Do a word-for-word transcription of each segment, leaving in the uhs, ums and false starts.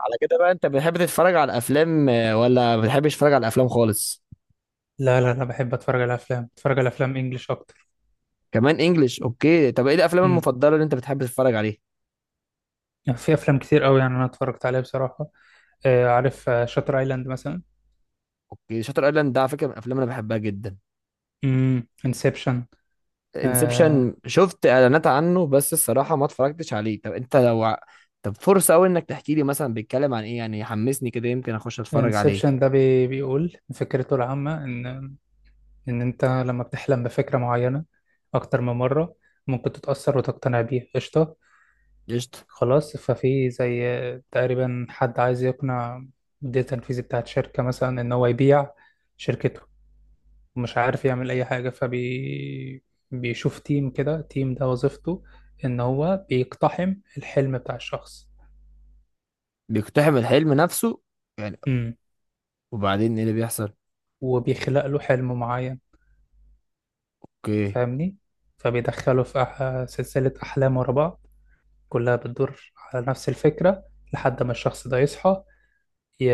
على كده بقى انت بتحب تتفرج على الافلام آه، ولا ما بتحبش تتفرج على الافلام خالص؟ لا لا انا بحب اتفرج على افلام. اتفرج على افلام انجليش اكتر. كمان انجليش، اوكي. طب ايه الافلام امم المفضله اللي انت بتحب تتفرج عليها؟ يعني في افلام كتير قوي، يعني انا اتفرجت عليها بصراحه. آه عارف آه، شاتر ايلاند مثلا. اوكي، شاتر ايلاند ده على فكره من الافلام اللي انا بحبها جدا. امم انسبشن. آه انسبشن، شفت اعلانات عنه بس الصراحه ما اتفرجتش عليه. طب انت لو ع-. طب فرصه قوي انك تحكي لي مثلا بيتكلم عن ايه، يعني حمسني كده يمكن اخش اتفرج عليه. انسبشن ده بي بيقول فكرته العامه ان ان انت لما بتحلم بفكره معينه اكتر من مره ممكن تتاثر وتقتنع بيها. قشطه. قشطه. خلاص، ففي زي، آه، تقريبا، حد عايز يقنع مدير التنفيذي بتاعت شركه مثلا ان هو يبيع شركته. مش عارف يعمل اي حاجه، فبي بيشوف تيم كده. تيم ده وظيفته ان هو بيقتحم الحلم بتاع الشخص. بيقتحم الحلم نفسه يعني؟ امم وبعدين ايه اللي بيحصل؟ وبيخلق له حلم معين، اوكي. فاهمني. فبيدخله في أح... سلسله احلام ورا بعض، كلها بتدور على نفس الفكره، لحد ما الشخص ده يصحى، ي...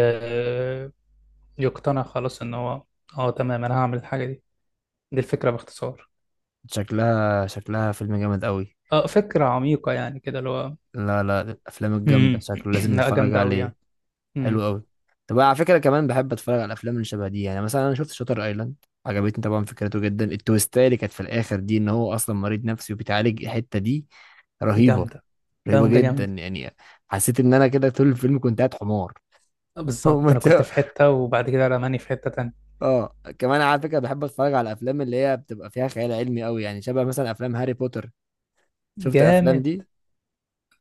يقتنع خلاص ان هو، اه تمام انا هعمل الحاجه دي. دي الفكره باختصار. شكلها شكلها فيلم جامد قوي. اه، فكره عميقه يعني كده اللي هو. لا لا، الافلام الجامده امم شكله لازم لا، نتفرج جامده قوي عليه. يعني. حلو امم قوي. طب على فكره كمان بحب اتفرج على الافلام اللي شبه دي، يعني مثلا انا شفت شاتر ايلاند، عجبتني طبعا. فكرته جدا التويستايه اللي كانت في الاخر دي، ان هو اصلا مريض نفسي وبيتعالج، الحته دي رهيبه، جامده. رهيبه جامده جدا جامده. يعني. حسيت ان انا كده طول الفيلم كنت قاعد حمار. آه، بالظبط، انا كنت ومت-. في حته وبعد كده رماني في حته تانية. اه كمان على فكره بحب اتفرج على الافلام اللي هي بتبقى فيها خيال علمي قوي، يعني شبه مثلا افلام هاري بوتر. شفت الافلام جامد. دي؟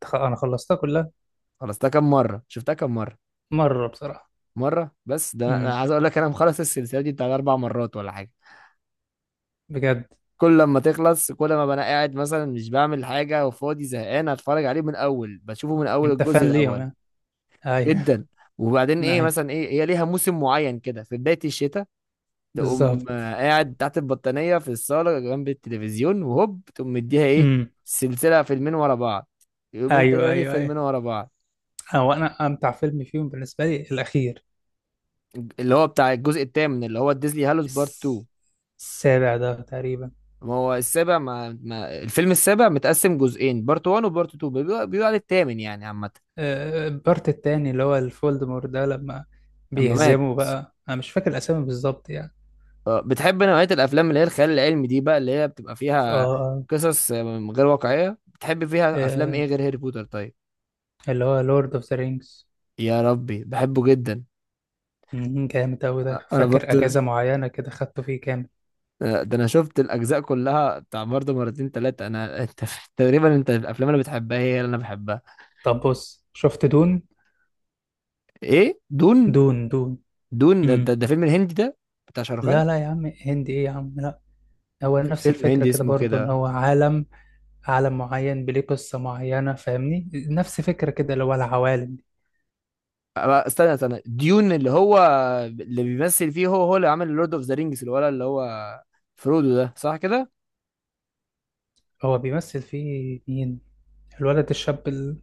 خ- انا خلصتها كلها. خلصتها كم مره؟ شفتها كم مره؟ مره بصراحه. مره بس؟ ده انا أنا امم عايز اقول لك انا مخلص السلسله دي بتاع اربع مرات ولا حاجه. بجد. كل لما تخلص، كل ما ببقى انا قاعد مثلا مش بعمل حاجه وفاضي زهقان، اتفرج عليه من اول، بشوفه من اول انت الجزء فان ليهم الاول. يعني. ايوه. جدا. وبعدين ايه ايوه مثلا، ايه هي ليها موسم معين كده في بدايه الشتاء، تقوم بالظبط. آه، قاعد تحت البطانيه في الصاله جنب التلفزيون وهوب تقوم مديها ايه. امم سلسله فيلمين ورا بعض، يومين ايوه تاني ايوه فيلمين ايوه. ورا بعض. هو انا امتع فيلم فيهم بالنسبه لي الاخير. اللي هو بتاع الجزء الثامن اللي هو ديزلي هالوس بارت تو. الس- السابع ده تقريبا. ما هو السابع، ما, ما الفيلم السابع متقسم جزئين، بارت وان وبارت اتنين. بيقول عليه الثامن يعني عامه. آه، البارت التاني اللي هو الفولدمور ده، لما اما مات. بيهزموا بقى، انا مش فاكر الاسامي بالظبط يعني. آه، بتحب نوعية الأفلام اللي هي الخيال العلمي دي بقى، اللي هي بتبقى ف- فيها اه قصص آه، غير واقعية؟ بتحب فيها أفلام آه، إيه غير هاري بوتر طيب؟ آه، اللي هو لورد اوف ذا رينجز. يا ربي بحبه جدا. مم، جامد أوي آه، ده، أنا فاكر برضه. أجازة معينة كده خدته فيه كامل. آه، ده أنا شفت الأجزاء كلها بتاع برضه مرتين تلاتة أنا. أنت تقريبا أنت الأفلام اللي بتحبها هي اللي أنا بحبها. طب بص، شفت دون؟ إيه دون؟ دون. دون. دون ده, ده, مم. ده فيلم الهندي ده؟ بتاع شاروخان؟ لا لا يا عم، هندي إيه يا عم، لا. هو في نفس فيلم الفكرة هندي كده اسمه برضو إن كده. هو عالم، عالم معين بليه قصة معينة، فاهمني، نفس فكرة كده اللي هو العوالم دي. آه، استنى استنى ديون اللي هو اللي بيمثل فيه، هو هو اللي عمل لورد اوف ذا رينجز، الولد اللي هو فرودو ده صح كده؟ هو بيمثل فيه مين؟ الولد الشاب ال...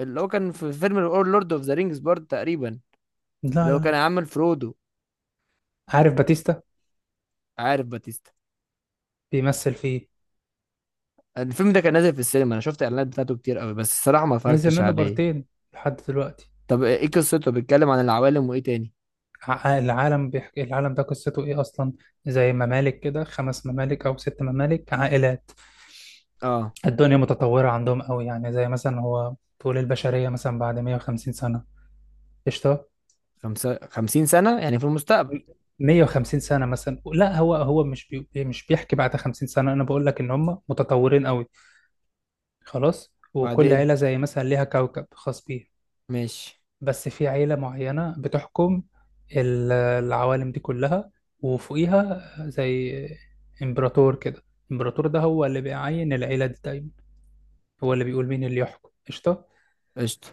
اللي هو كان في فيلم لورد اوف ذا رينجز برضه تقريبا، لا اللي هو كان لا. عامل فرودو. عارف باتيستا؟ عارف باتيستا؟ بيمثل فيه. الفيلم ده كان نازل في السينما، انا شفت الاعلانات بتاعته كتير قوي بس الصراحه ما نزل اتفرجتش منه عليه. بارتين لحد دلوقتي. طب ايه قصته؟ بيتكلم عن العوالم وايه تاني؟ ع- العالم بيحكي. العالم ده قصته ايه اصلا؟ زي ممالك كده، خمس ممالك او ست ممالك، عائلات. اه. الدنيا متطورة عندهم قوي، يعني زي مثلا هو طول البشرية مثلا بعد 150 سنة. قشطة. خمسة خمسين سنه يعني في المستقبل؟ م- 150 سنة مثلا، لا، هو هو مش بي إيه، مش بيحكي بعد 50 سنة، انا بقول لك ان هم متطورين قوي. خلاص، وكل وبعدين. عيلة زي مثلا ليها كوكب خاص بيها. ماشي. بس في عيلة معينة بتحكم ال- العوالم دي كلها، وفوقيها زي إمبراطور كده. الإمبراطور ده هو اللي بيعين العيلة دي دايما، هو اللي بيقول مين اللي يحكم. قشطة. قشطه.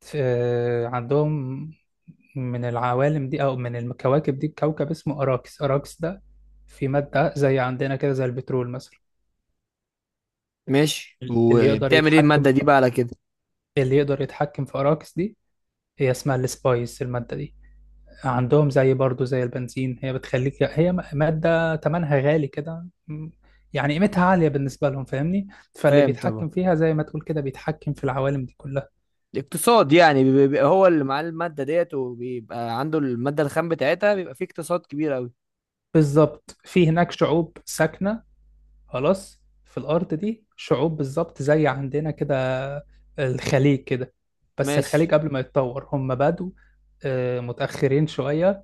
ف- عندهم من العوالم دي أو من الكواكب دي كوكب اسمه أراكس. أراكس ده في مادة زي عندنا كده زي البترول مثلا. ماشي اللي يقدر وبتعمل ايه يتحكم الماده دي في بقى على كده؟ اللي يقدر يتحكم في أراكس دي، هي اسمها السبايس، المادة دي عندهم زي برضو زي البنزين، هي بتخليك، هي م- مادة تمنها غالي كده، م- يعني قيمتها عالية بالنسبة لهم، فاهمني. فاللي فاهم طبعا. بيتحكم فيها زي ما تقول كده بيتحكم في العوالم دي كلها. اقتصاد يعني، بيبقى بيبقى هو اللي معاه الماده ديت وبيبقى عنده الماده الخام بتاعتها، بيبقى فيه اقتصاد كبير قوي. بالظبط. في هناك شعوب ساكنة، خلاص، في الأرض دي شعوب بالظبط زي عندنا كده، الخليج كده، بس ماشي. الخليج قبل ما يتطور، هم بدوا، آه، متأخرين شوية،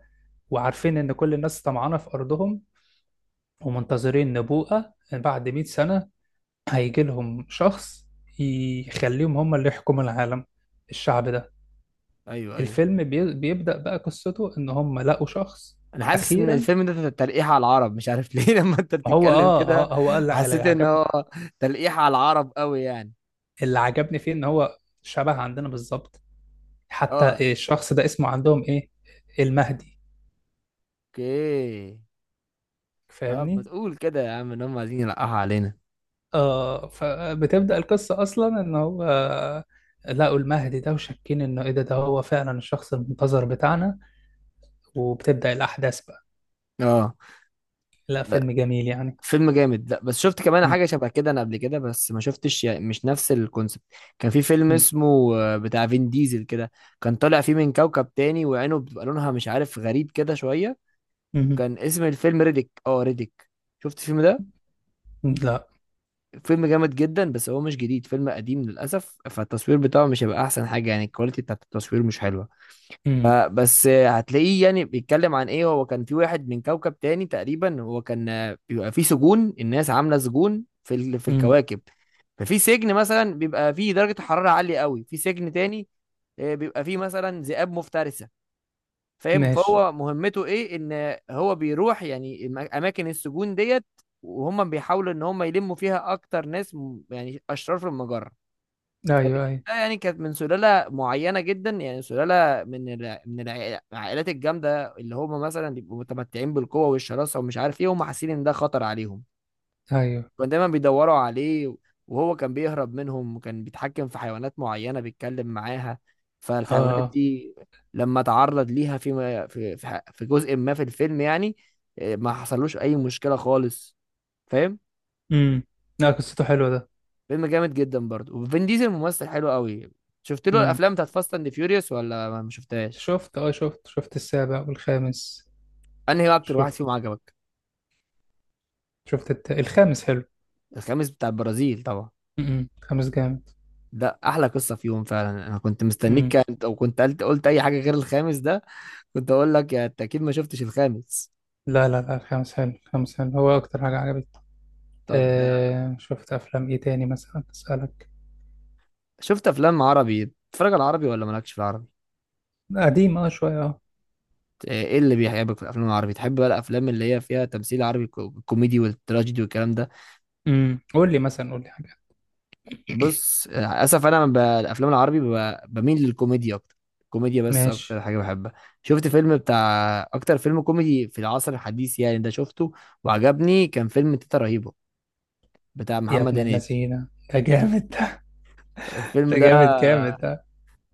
وعارفين إن كل الناس طمعانة في أرضهم، ومنتظرين نبوءة بعد 100 سنة هيجي لهم شخص يخليهم هم اللي يحكموا العالم، الشعب ده. ايوه ايوه. الفيلم بي- بيبدأ بقى قصته ان هم لقوا شخص انا حاسس ان اخيرا. الفيلم ده تلقيح على العرب، مش عارف ليه. لما انت هو بتتكلم اه كده آه، هو قال اللي حسيت ان عجبني. هو تلقيح على العرب قوي يعني. اللي عجبني فيه ان هو شبه عندنا بالظبط. اه، حتى الشخص ده اسمه عندهم ايه؟ المهدي. اوكي. طب ما فاهمني. تقول كده يا عم ان هم عايزين يلقحوا علينا. اه فبتبدأ القصة اصلا ان هو لقوا المهدي ده، وشاكين انه ايه، ده ده هو فعلا الشخص المنتظر بتاعنا. وبتبدأ الاحداث بقى. اه، لا، لا فيلم جميل يعني. فيلم جامد. لا بس شفت كمان م- حاجه شبه كده انا قبل كده بس ما شفتش، يعني مش نفس الكونسبت. كان في فيلم م. اسمه آه، بتاع فين ديزل كده. كان طالع فيه من كوكب تاني وعينه بتبقى لونها مش عارف غريب كده شويه. مم. وكان اسم الفيلم ريديك، اه ريديك. شفت الفيلم ده؟ لا. فيلم جامد جدا بس هو مش جديد، فيلم قديم للأسف، فالتصوير بتاعه مش هيبقى أحسن حاجة، يعني الكواليتي بتاعت التصوير مش حلوة. مم. فبس هتلاقيه يعني بيتكلم عن إيه. هو كان في واحد من كوكب تاني تقريبا، هو كان آه، بيبقى فيه سجون، الناس عاملة سجون في ال... في مم. الكواكب. ففي سجن مثلا بيبقى فيه درجة حرارة عالية قوي، في سجن تاني آه، بيبقى فيه مثلا ذئاب مفترسة. فاهم؟ ماشي. فهو مهمته ايه، ان هو بيروح يعني الم- اماكن السجون ديت. وهم بيحاولوا ان هم يلموا فيها اكتر ناس م- يعني اشرار في المجره. ايوه فبالتالي، ايوه يعني كانت من سلاله معينه جدا، يعني سلاله من الع- من الع- العائلات الجامده اللي هم مثلا بيبقوا متمتعين بالقوه والشراسه ومش عارف ايه، هم حاسين ان ده خطر عليهم. ايوه. كانوا دايما بيدوروا عليه. وهو كان بيهرب منهم، وكان بيتحكم في حيوانات معينة بيتكلم معاها. فالحيوانات اه. دي لما تعرض ليها في في في في جزء ما في الفيلم يعني إيه، ما حصلوش أي مشكلة خالص. فاهم. امم لا، قصته حلوه ده. فيلم جامد جدا برضه، وفين ديزل ممثل حلو قوي. شفت له امم الأفلام بتاعت فاست أند فيوريوس ولا ما ما شفتهاش؟ شفت. اه شفت شفت السابع والخامس. أنهي أكتر واحد شفت فيهم عجبك؟ شفت الت... الخامس حلو. الخامس بتاع البرازيل طبعا. امم الخامس جامد. ده أحلى قصة فيهم فعلا، أنا كنت امم مستنيك، كنت- أو كنت قلت قلت أي حاجة غير الخامس ده. كنت اقول لك يعني انت اكيد ما شفتش الخامس. لا لا لا، الخامس حلو، الخامس حلو، هو اكتر حاجه عجبتني. طب ده. آه شفت افلام ايه تاني مثلا، اسالك. شفت افلام عربي؟ بتتفرج على العربي ولا مالكش في العربي؟ قديم اه شويه اه ايه إيه اللي بيحبك في الافلام العربي؟ تحب بقى الافلام اللي هي فيها تمثيل عربي كو- الكوميدي والتراجيدي والكلام ده؟ امم قول لي مثلا، قول لي حاجه. بص آه، اسف انا ب- الافلام العربي ب- بميل للكوميديا اكتر. الكوميديا بس اكتر ماشي. حاجه بحبها. شفت فيلم بتاع اكتر فيلم كوميدي في العصر الحديث يعني ده؟ شفته وعجبني، كان فيلم تيتا رهيبه بتاع يا محمد ابن هنيدي. اللذينه، ده جامد. الفيلم ده ده جامد جامد ده.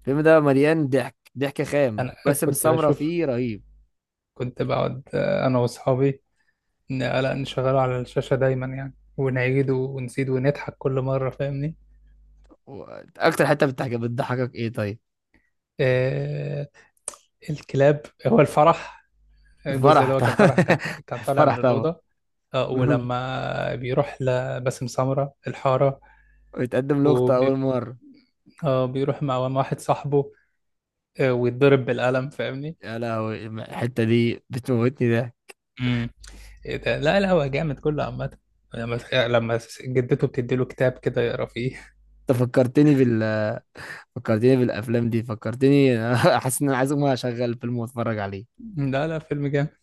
الفيلم ده مليان ضحك ضحك خام، انا وباسم كنت سمرة بشوف فيه رهيب. كنت بقعد، آه، أنا وأصحابي، ن- لا، نشغله على الشاشة دايما يعني، ونعيد ونزيد ونضحك كل مرة، فاهمني. و- اكتر حته بتضحك بتضحكك ايه طيب؟ آه الكلاب هو الفرح. الجزء الفرح اللي هو كان طبعا. فرح، كان كان طالع من الفرح طبعا. الأوضة. آه ولما بيروح لباسم سمرة الحارة. ويتقدم لقطة اول وبي... مره. آه بيروح مع مع واحد صاحبه. آه ويتضرب بالقلم، فاهمني. يا لهوي الحته دي بتموتني ده. امم إيه ده، لا لا، هو جامد كله عامة. لما لما جدته بتديله كتاب كده يقرا فيه. انت فكرتني بال فكرتني بالافلام دي، فكرتني. حاسس ان انا عايز اقوم اشغل فيلم واتفرج عليه. لا لا، فيلم جامد.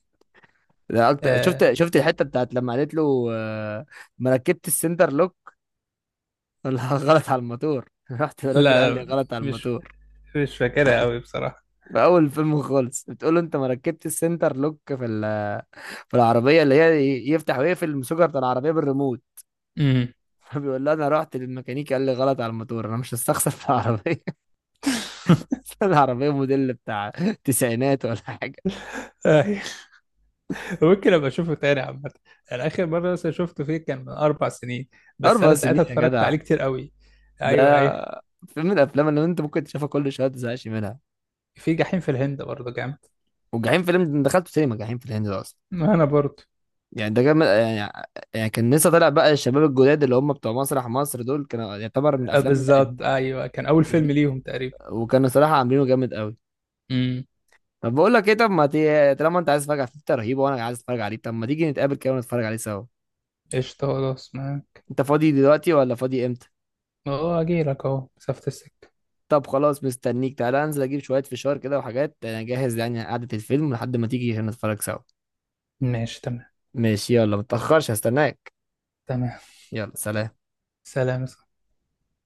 ده اكتر، آه شفت شفت الحته بتاعت لما قالت له آه، ما ركبت السنتر لوك ولا غلط على الموتور؟ رحت الراجل لا قال لي لا، غلط على مش الموتور. مش فاكرها قوي بصراحة. في اول الفيلم خالص بتقول له انت ما ركبتش السنتر لوك في ال- في العربيه اللي هي ي- يفتح ويقفل المسوجه بتاع العربيه بالريموت. امم فبيقول لها انا رحت للميكانيكي قال لي غلط على الموتور، انا مش هستخسر في العربيه. العربيه موديل بتاع تسعينات ولا حاجه. آه، ممكن ابقى اشوفه تاني عامة. انا اخر مرة مثلا شفته فيه كان من اربع سنين، بس اربع انا سنين ساعتها يا اتفرجت جدع؟ عليه كتير قوي. ده ايوه ايوه. فيلم من الافلام اللي انت ممكن تشوفها كل شويه ما تزهقش منها. في جحيم في الهند برضه جامد. وجحيم فيلم ده، أنا دخلته سينما جحيم في الهند ده اصلا. ما انا برضه. يعني ده كان يعني يعني كان لسه طالع بقى، الشباب الجداد اللي هم بتوع مسرح مصر دول كانوا يعتبر من آه الافلام بالظبط، ايوه، كان اول فيلم القديمه. ليهم تقريبا. وكانوا صراحة عاملينه جامد قوي. امم طب بقول لك ايه، طب ما تي... طالما انت عايز تتفرج على فيفتا رهيبة وانا عايز اتفرج عليه، طب ما تيجي نتقابل كده ونتفرج عليه سوا؟ قشطة، خلاص، معاك. انت فاضي دلوقتي ولا فاضي امتى؟ اه، اجيلك اهو مسافة السكة. طب خلاص مستنيك، تعالى انزل اجيب شوية فشار كده وحاجات، انا جاهز يعني قعدة الفيلم لحد ما تيجي هنا نتفرج سوا. ماشي تمام. ماشي يلا، متأخرش هستناك. تمام. يلا سلام. سلام.